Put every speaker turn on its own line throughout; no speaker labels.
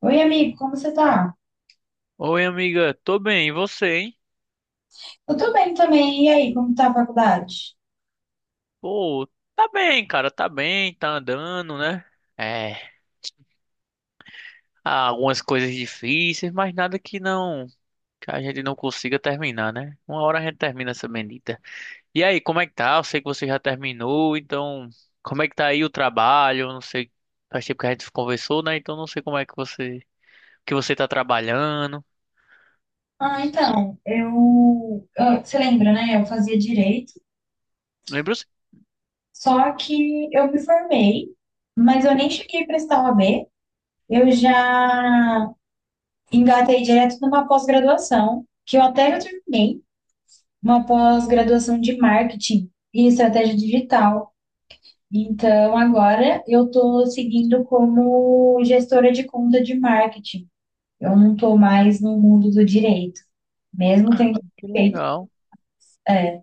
Oi, amigo, como você tá?
Oi, amiga, tô bem, e você, hein?
Eu tô bem também. E aí, como tá a faculdade?
Pô, tá bem, cara, tá bem, tá andando, né? É, há algumas coisas difíceis, mas nada que não, que a gente não consiga terminar, né? Uma hora a gente termina essa bendita. E aí, como é que tá? Eu sei que você já terminou, então, como é que tá aí o trabalho? Eu não sei, faz tempo que a gente conversou, né? Então não sei como é que você tá trabalhando.
Ah, então, você lembra, né? Eu fazia direito,
Lembro sim,
só que eu me formei, mas eu nem cheguei a prestar OAB. Eu já engatei direto numa pós-graduação, que eu até já terminei, uma pós-graduação de marketing e estratégia digital. Então, agora eu tô seguindo como gestora de conta de marketing. Eu não estou mais no mundo do direito, mesmo tendo
que
feito.
legal.
É,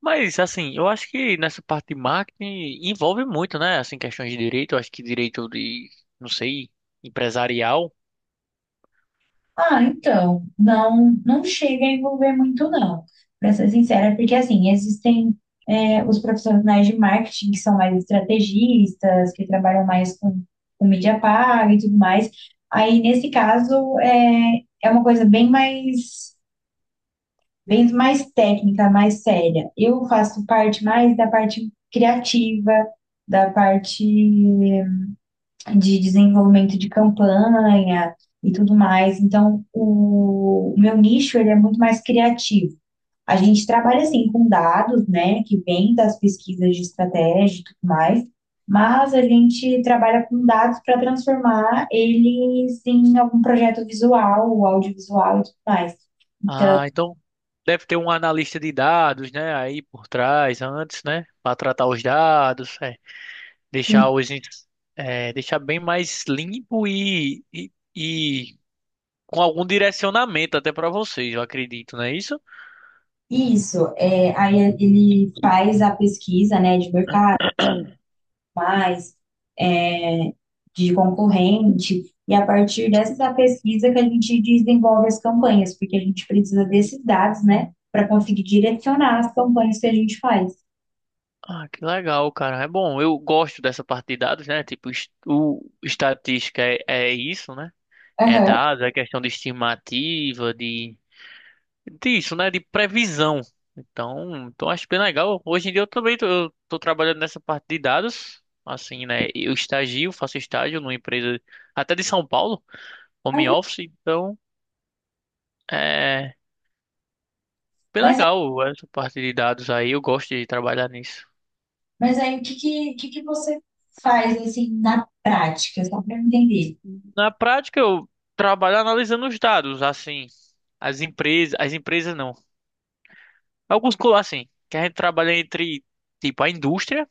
Mas, assim, eu acho que nessa parte de marketing envolve muito, né? Assim, questões de direito, eu acho que direito de, não sei, empresarial.
então, não, não chega a envolver muito, não, para ser sincera, porque assim, existem os profissionais de marketing que são mais estrategistas, que trabalham mais com mídia paga e tudo mais. Aí, nesse caso, é uma coisa bem mais técnica, mais séria. Eu faço parte mais da parte criativa, da parte de desenvolvimento de campanha e tudo mais. Então, o meu nicho ele é muito mais criativo. A gente trabalha assim com dados, né, que vem das pesquisas de estratégia e tudo mais, mas a gente trabalha com dados para transformar eles em algum projeto visual, ou audiovisual e tudo mais.
Ah, então deve ter um analista de dados, né? Aí por trás, antes, né? Para tratar os dados, é, deixar os, ins- é, deixar bem mais limpo e com algum direcionamento até para vocês, eu acredito, não é isso?
E isso, é, aí ele faz a pesquisa, né, de mercado, mais de concorrente, e a partir dessa pesquisa que a gente desenvolve as campanhas, porque a gente precisa desses dados, né, para conseguir direcionar as campanhas que a gente faz.
Ah, que legal, cara. É bom, eu gosto dessa parte de dados, né? O estatística é isso, né? É
Aham.
dado, a questão de né, de previsão. Então, então acho bem legal. Hoje em dia eu tô trabalhando nessa parte de dados, assim, né? Eu estagio, faço estágio numa empresa até de São Paulo, home office, então é bem
Mas,
legal essa parte de dados aí, eu gosto de trabalhar nisso.
mas aí o que, que você faz assim na prática, só para eu entender?
Na prática eu trabalho analisando os dados, assim, as empresas não. Alguns colar assim, que a gente trabalha entre tipo a indústria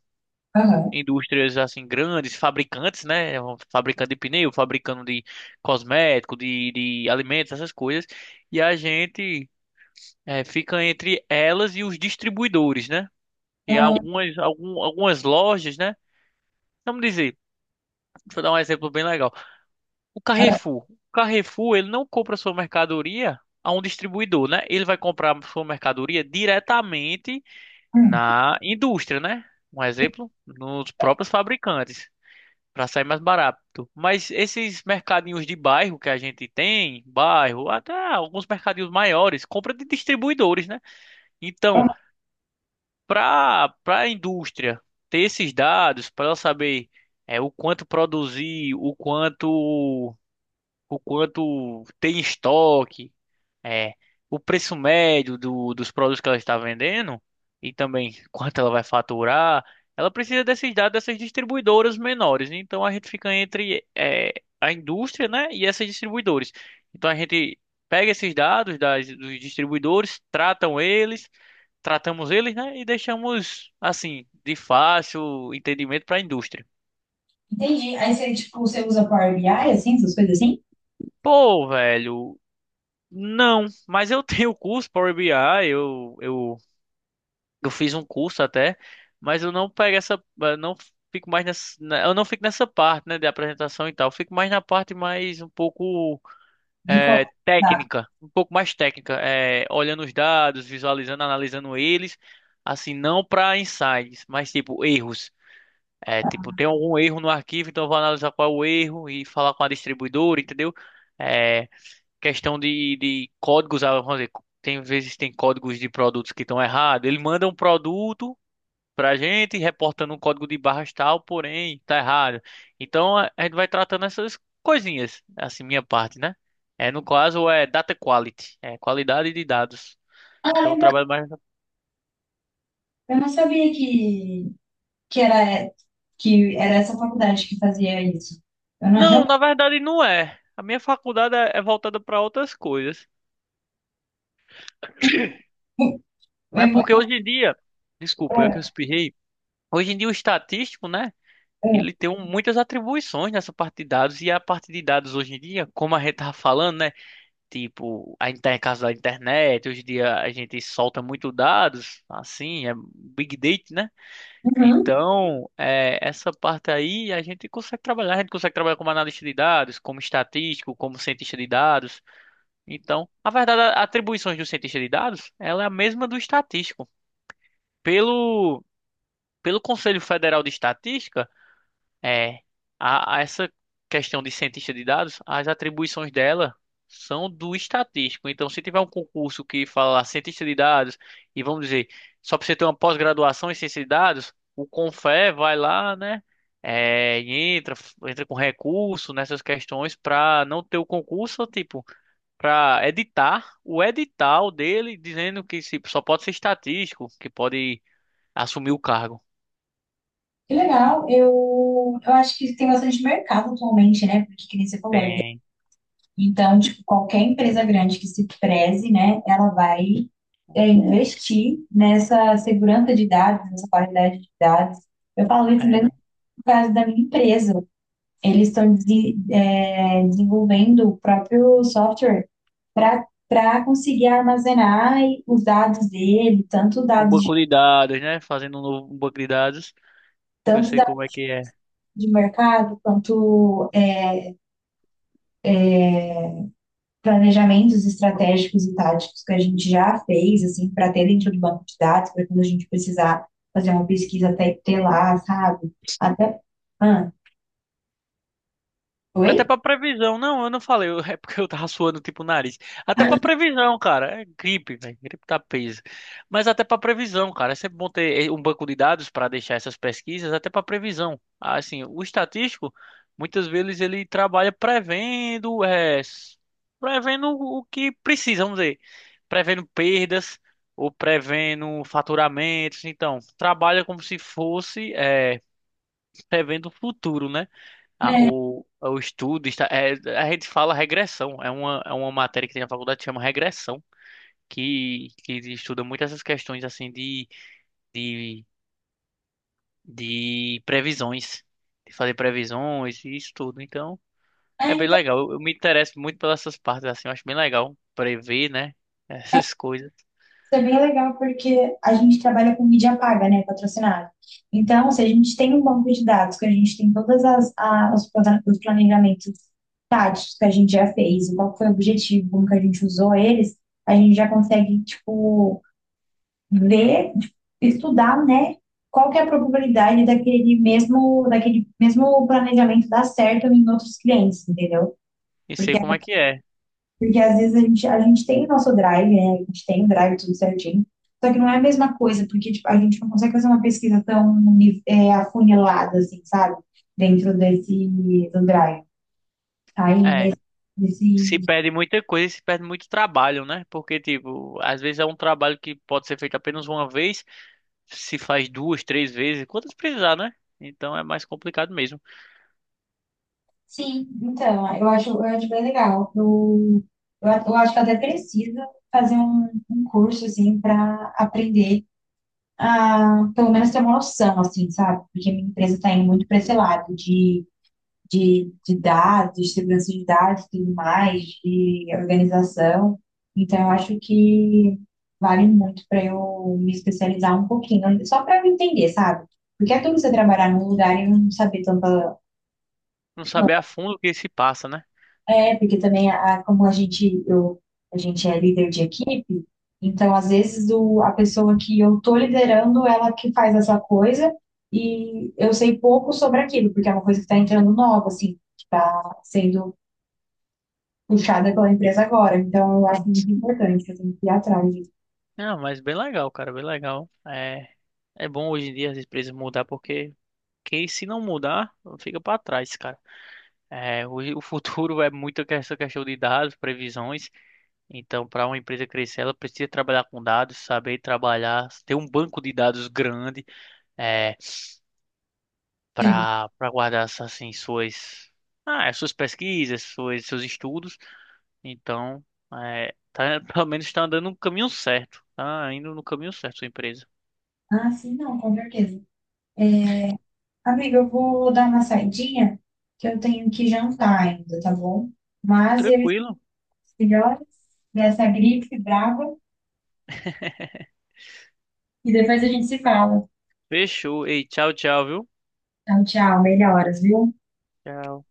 Aham.
indústrias assim grandes, fabricantes, né? Fabricando de pneu, fabricando de cosmético, de, de alimentos, essas coisas. E a gente fica entre elas e os distribuidores, né? E
Aham,
algumas lojas, né? Vamos dizer, deixa eu dar um exemplo bem legal. O
aham,
Carrefour. O Carrefour, ele não compra sua mercadoria a um distribuidor, né? Ele vai comprar sua mercadoria diretamente
hum.
na indústria, né? Um exemplo, nos próprios fabricantes, para sair mais barato. Mas esses mercadinhos de bairro que a gente tem, bairro, até alguns mercadinhos maiores, compra de distribuidores, né? Então, para a indústria ter esses dados, para ela saber o quanto produzir, o quanto tem em estoque, é, o preço médio dos produtos que ela está vendendo e também quanto ela vai faturar, ela precisa desses dados dessas distribuidoras menores. Então a gente fica entre a indústria, né, e essas distribuidoras. Então a gente pega esses dados dos distribuidores, tratamos eles, né, e deixamos assim de fácil entendimento para a indústria.
Entendi. Aí você, tipo, você usa Power BI, assim, essas coisas assim?
Pô, velho, não. Mas eu tenho o curso Power BI, eu eu Eu fiz um curso até, mas eu não fico mais eu não fico nessa parte, né, de apresentação e tal. Eu fico mais na parte mais um pouco
De
é,
colocar.
técnica, um pouco mais técnica, é, olhando os dados, visualizando, analisando eles, assim, não para insights, mas tipo erros. É, tipo, tem algum erro no arquivo, então eu vou analisar qual é o erro e falar com a distribuidora, entendeu? É, questão de códigos, ah, vamos dizer, tem vezes tem códigos de produtos que estão errados. Ele manda um produto pra gente, reportando um código de barras tal, porém tá errado. Então a gente vai tratando essas coisinhas, assim, minha parte, né? É, no caso é data quality, é qualidade de dados.
Ah,
Então eu
legal.
trabalho mais.
Eu não sabia que, era, que era essa faculdade que fazia isso. Eu não
Não,
realmente.
na verdade não é. A minha faculdade é voltada para outras coisas. Mas é porque
eu-
hoje em dia, desculpa, eu
é,
espirrei. Hoje em dia o estatístico, né?
é.
Muitas atribuições nessa parte de dados e a parte de dados hoje em dia, como a gente tá falando, né? Tipo, a gente tá em casa da internet, hoje em dia a gente solta muito dados, assim, é big data, né?
Uhum.
Então, é, essa parte aí a gente consegue trabalhar como analista de dados, como estatístico, como cientista de dados. Então, na verdade, atribuições do cientista de dados, ela é a mesma do estatístico. Pelo, pelo Conselho Federal de Estatística, é, a essa questão de cientista de dados, as atribuições dela são do estatístico. Então, se tiver um concurso que fala cientista de dados, e vamos dizer, só para você ter uma pós-graduação em ciência de dados, o Confé vai lá, né? É, e entra, entra com recurso nessas questões para não ter o concurso, tipo, para editar o edital dele, dizendo que se- só pode ser estatístico, que pode assumir o cargo.
Que legal. Eu acho que tem bastante mercado atualmente, né? Porque, que nem você falou, é.
Tem.
Então, tipo, qualquer empresa grande que se preze, né, ela vai investir nessa segurança de dados, nessa qualidade de dados. Eu falo isso mesmo no caso da minha empresa. Eles estão desenvolvendo o próprio software para conseguir armazenar os dados dele,
Um banco de dados, né? Fazendo um novo um banco de dados. Eu
tanto
sei como é
dados
que é.
de mercado quanto planejamentos estratégicos e táticos que a gente já fez, assim, para ter dentro do banco de dados, para quando a gente precisar fazer uma pesquisa até ter lá, sabe? Até. Ah,
Até
oi?
pra previsão. Não, eu não falei. É porque eu tava suando tipo o nariz. Até pra previsão, cara. É gripe, velho. Gripe tá peso. Mas até pra previsão, cara. É sempre bom ter um banco de dados pra deixar essas pesquisas, até pra previsão. Ah, assim, o estatístico, muitas vezes ele trabalha prevendo o que precisa, vamos dizer. Prevendo perdas ou prevendo faturamentos. Então, trabalha como se fosse, é, prevendo o futuro, né?
É,
O estudo a gente fala regressão, é uma matéria que tem na faculdade que chama regressão, que estuda muito essas questões de, de previsões, de fazer previsões e isso tudo. Então, é bem
então,
legal. Eu me interesso muito pelas essas partes assim, eu acho bem legal prever, né, essas coisas
isso é bem legal porque a gente trabalha com mídia paga, né, patrocinada. Então, se a gente tem um banco de dados, que a gente tem todas os os planejamentos táticos que a gente já fez, e qual foi o objetivo, como que a gente usou eles, a gente já consegue, tipo, ver, estudar, né, qual que é a probabilidade daquele mesmo planejamento dar certo em outros clientes, entendeu?
e
Porque,
sei como é que é.
porque às vezes a gente tem o nosso drive, né, a gente tem o drive tudo certinho, só que não é a mesma coisa, porque tipo, a gente não consegue fazer uma pesquisa tão afunilada, assim, sabe? Dentro desse do drive. Aí,
É, se
nesse.
perde muita coisa, e se perde muito trabalho, né? Porque tipo, às vezes é um trabalho que pode ser feito apenas uma vez, se faz duas, três vezes, quantas precisar, né? Então é mais complicado mesmo.
Sim, então, eu acho bem legal. Eu acho que eu até preciso fazer um curso, assim, para aprender a, pelo menos, ter uma noção, assim, sabe? Porque minha empresa está indo muito para esse lado de dados, de segurança de dados e tudo mais, de organização. Então, eu acho que vale muito para eu me especializar um pouquinho, só para eu entender, sabe? Porque é tudo você trabalhar num lugar e não saber tanto.
Não saber a fundo o que se passa, né?
É, porque também como a gente, eu, a gente é líder de equipe, então às vezes a pessoa que eu tô liderando, ela que faz essa coisa e eu sei pouco sobre aquilo, porque é uma coisa que está entrando nova, assim, que está sendo puxada pela empresa agora. Então eu acho muito importante, que eu tenho que ir atrás disso.
Não, mas bem legal, cara, bem legal. É, é bom hoje em dia as empresas mudar, porque quem se não mudar, fica para trás, cara. É, hoje o futuro é muito essa questão de dados, previsões. Então, para uma empresa crescer, ela precisa trabalhar com dados, saber trabalhar, ter um banco de dados grande, é,
Sim.
para guardar assim suas suas pesquisas, seus estudos. Então, é, tá, pelo menos está andando no caminho certo. Tá indo no caminho certo, sua empresa.
Ah, sim, não, com certeza. Amiga, eu vou dar uma saidinha, que eu tenho que jantar ainda, tá bom? Mas eu estou
Tranquilo.
melhor dessa gripe brava. E depois a gente se fala.
Fechou. Ei, tchau, tchau, viu?
Então, tchau, melhoras, viu?
Tchau.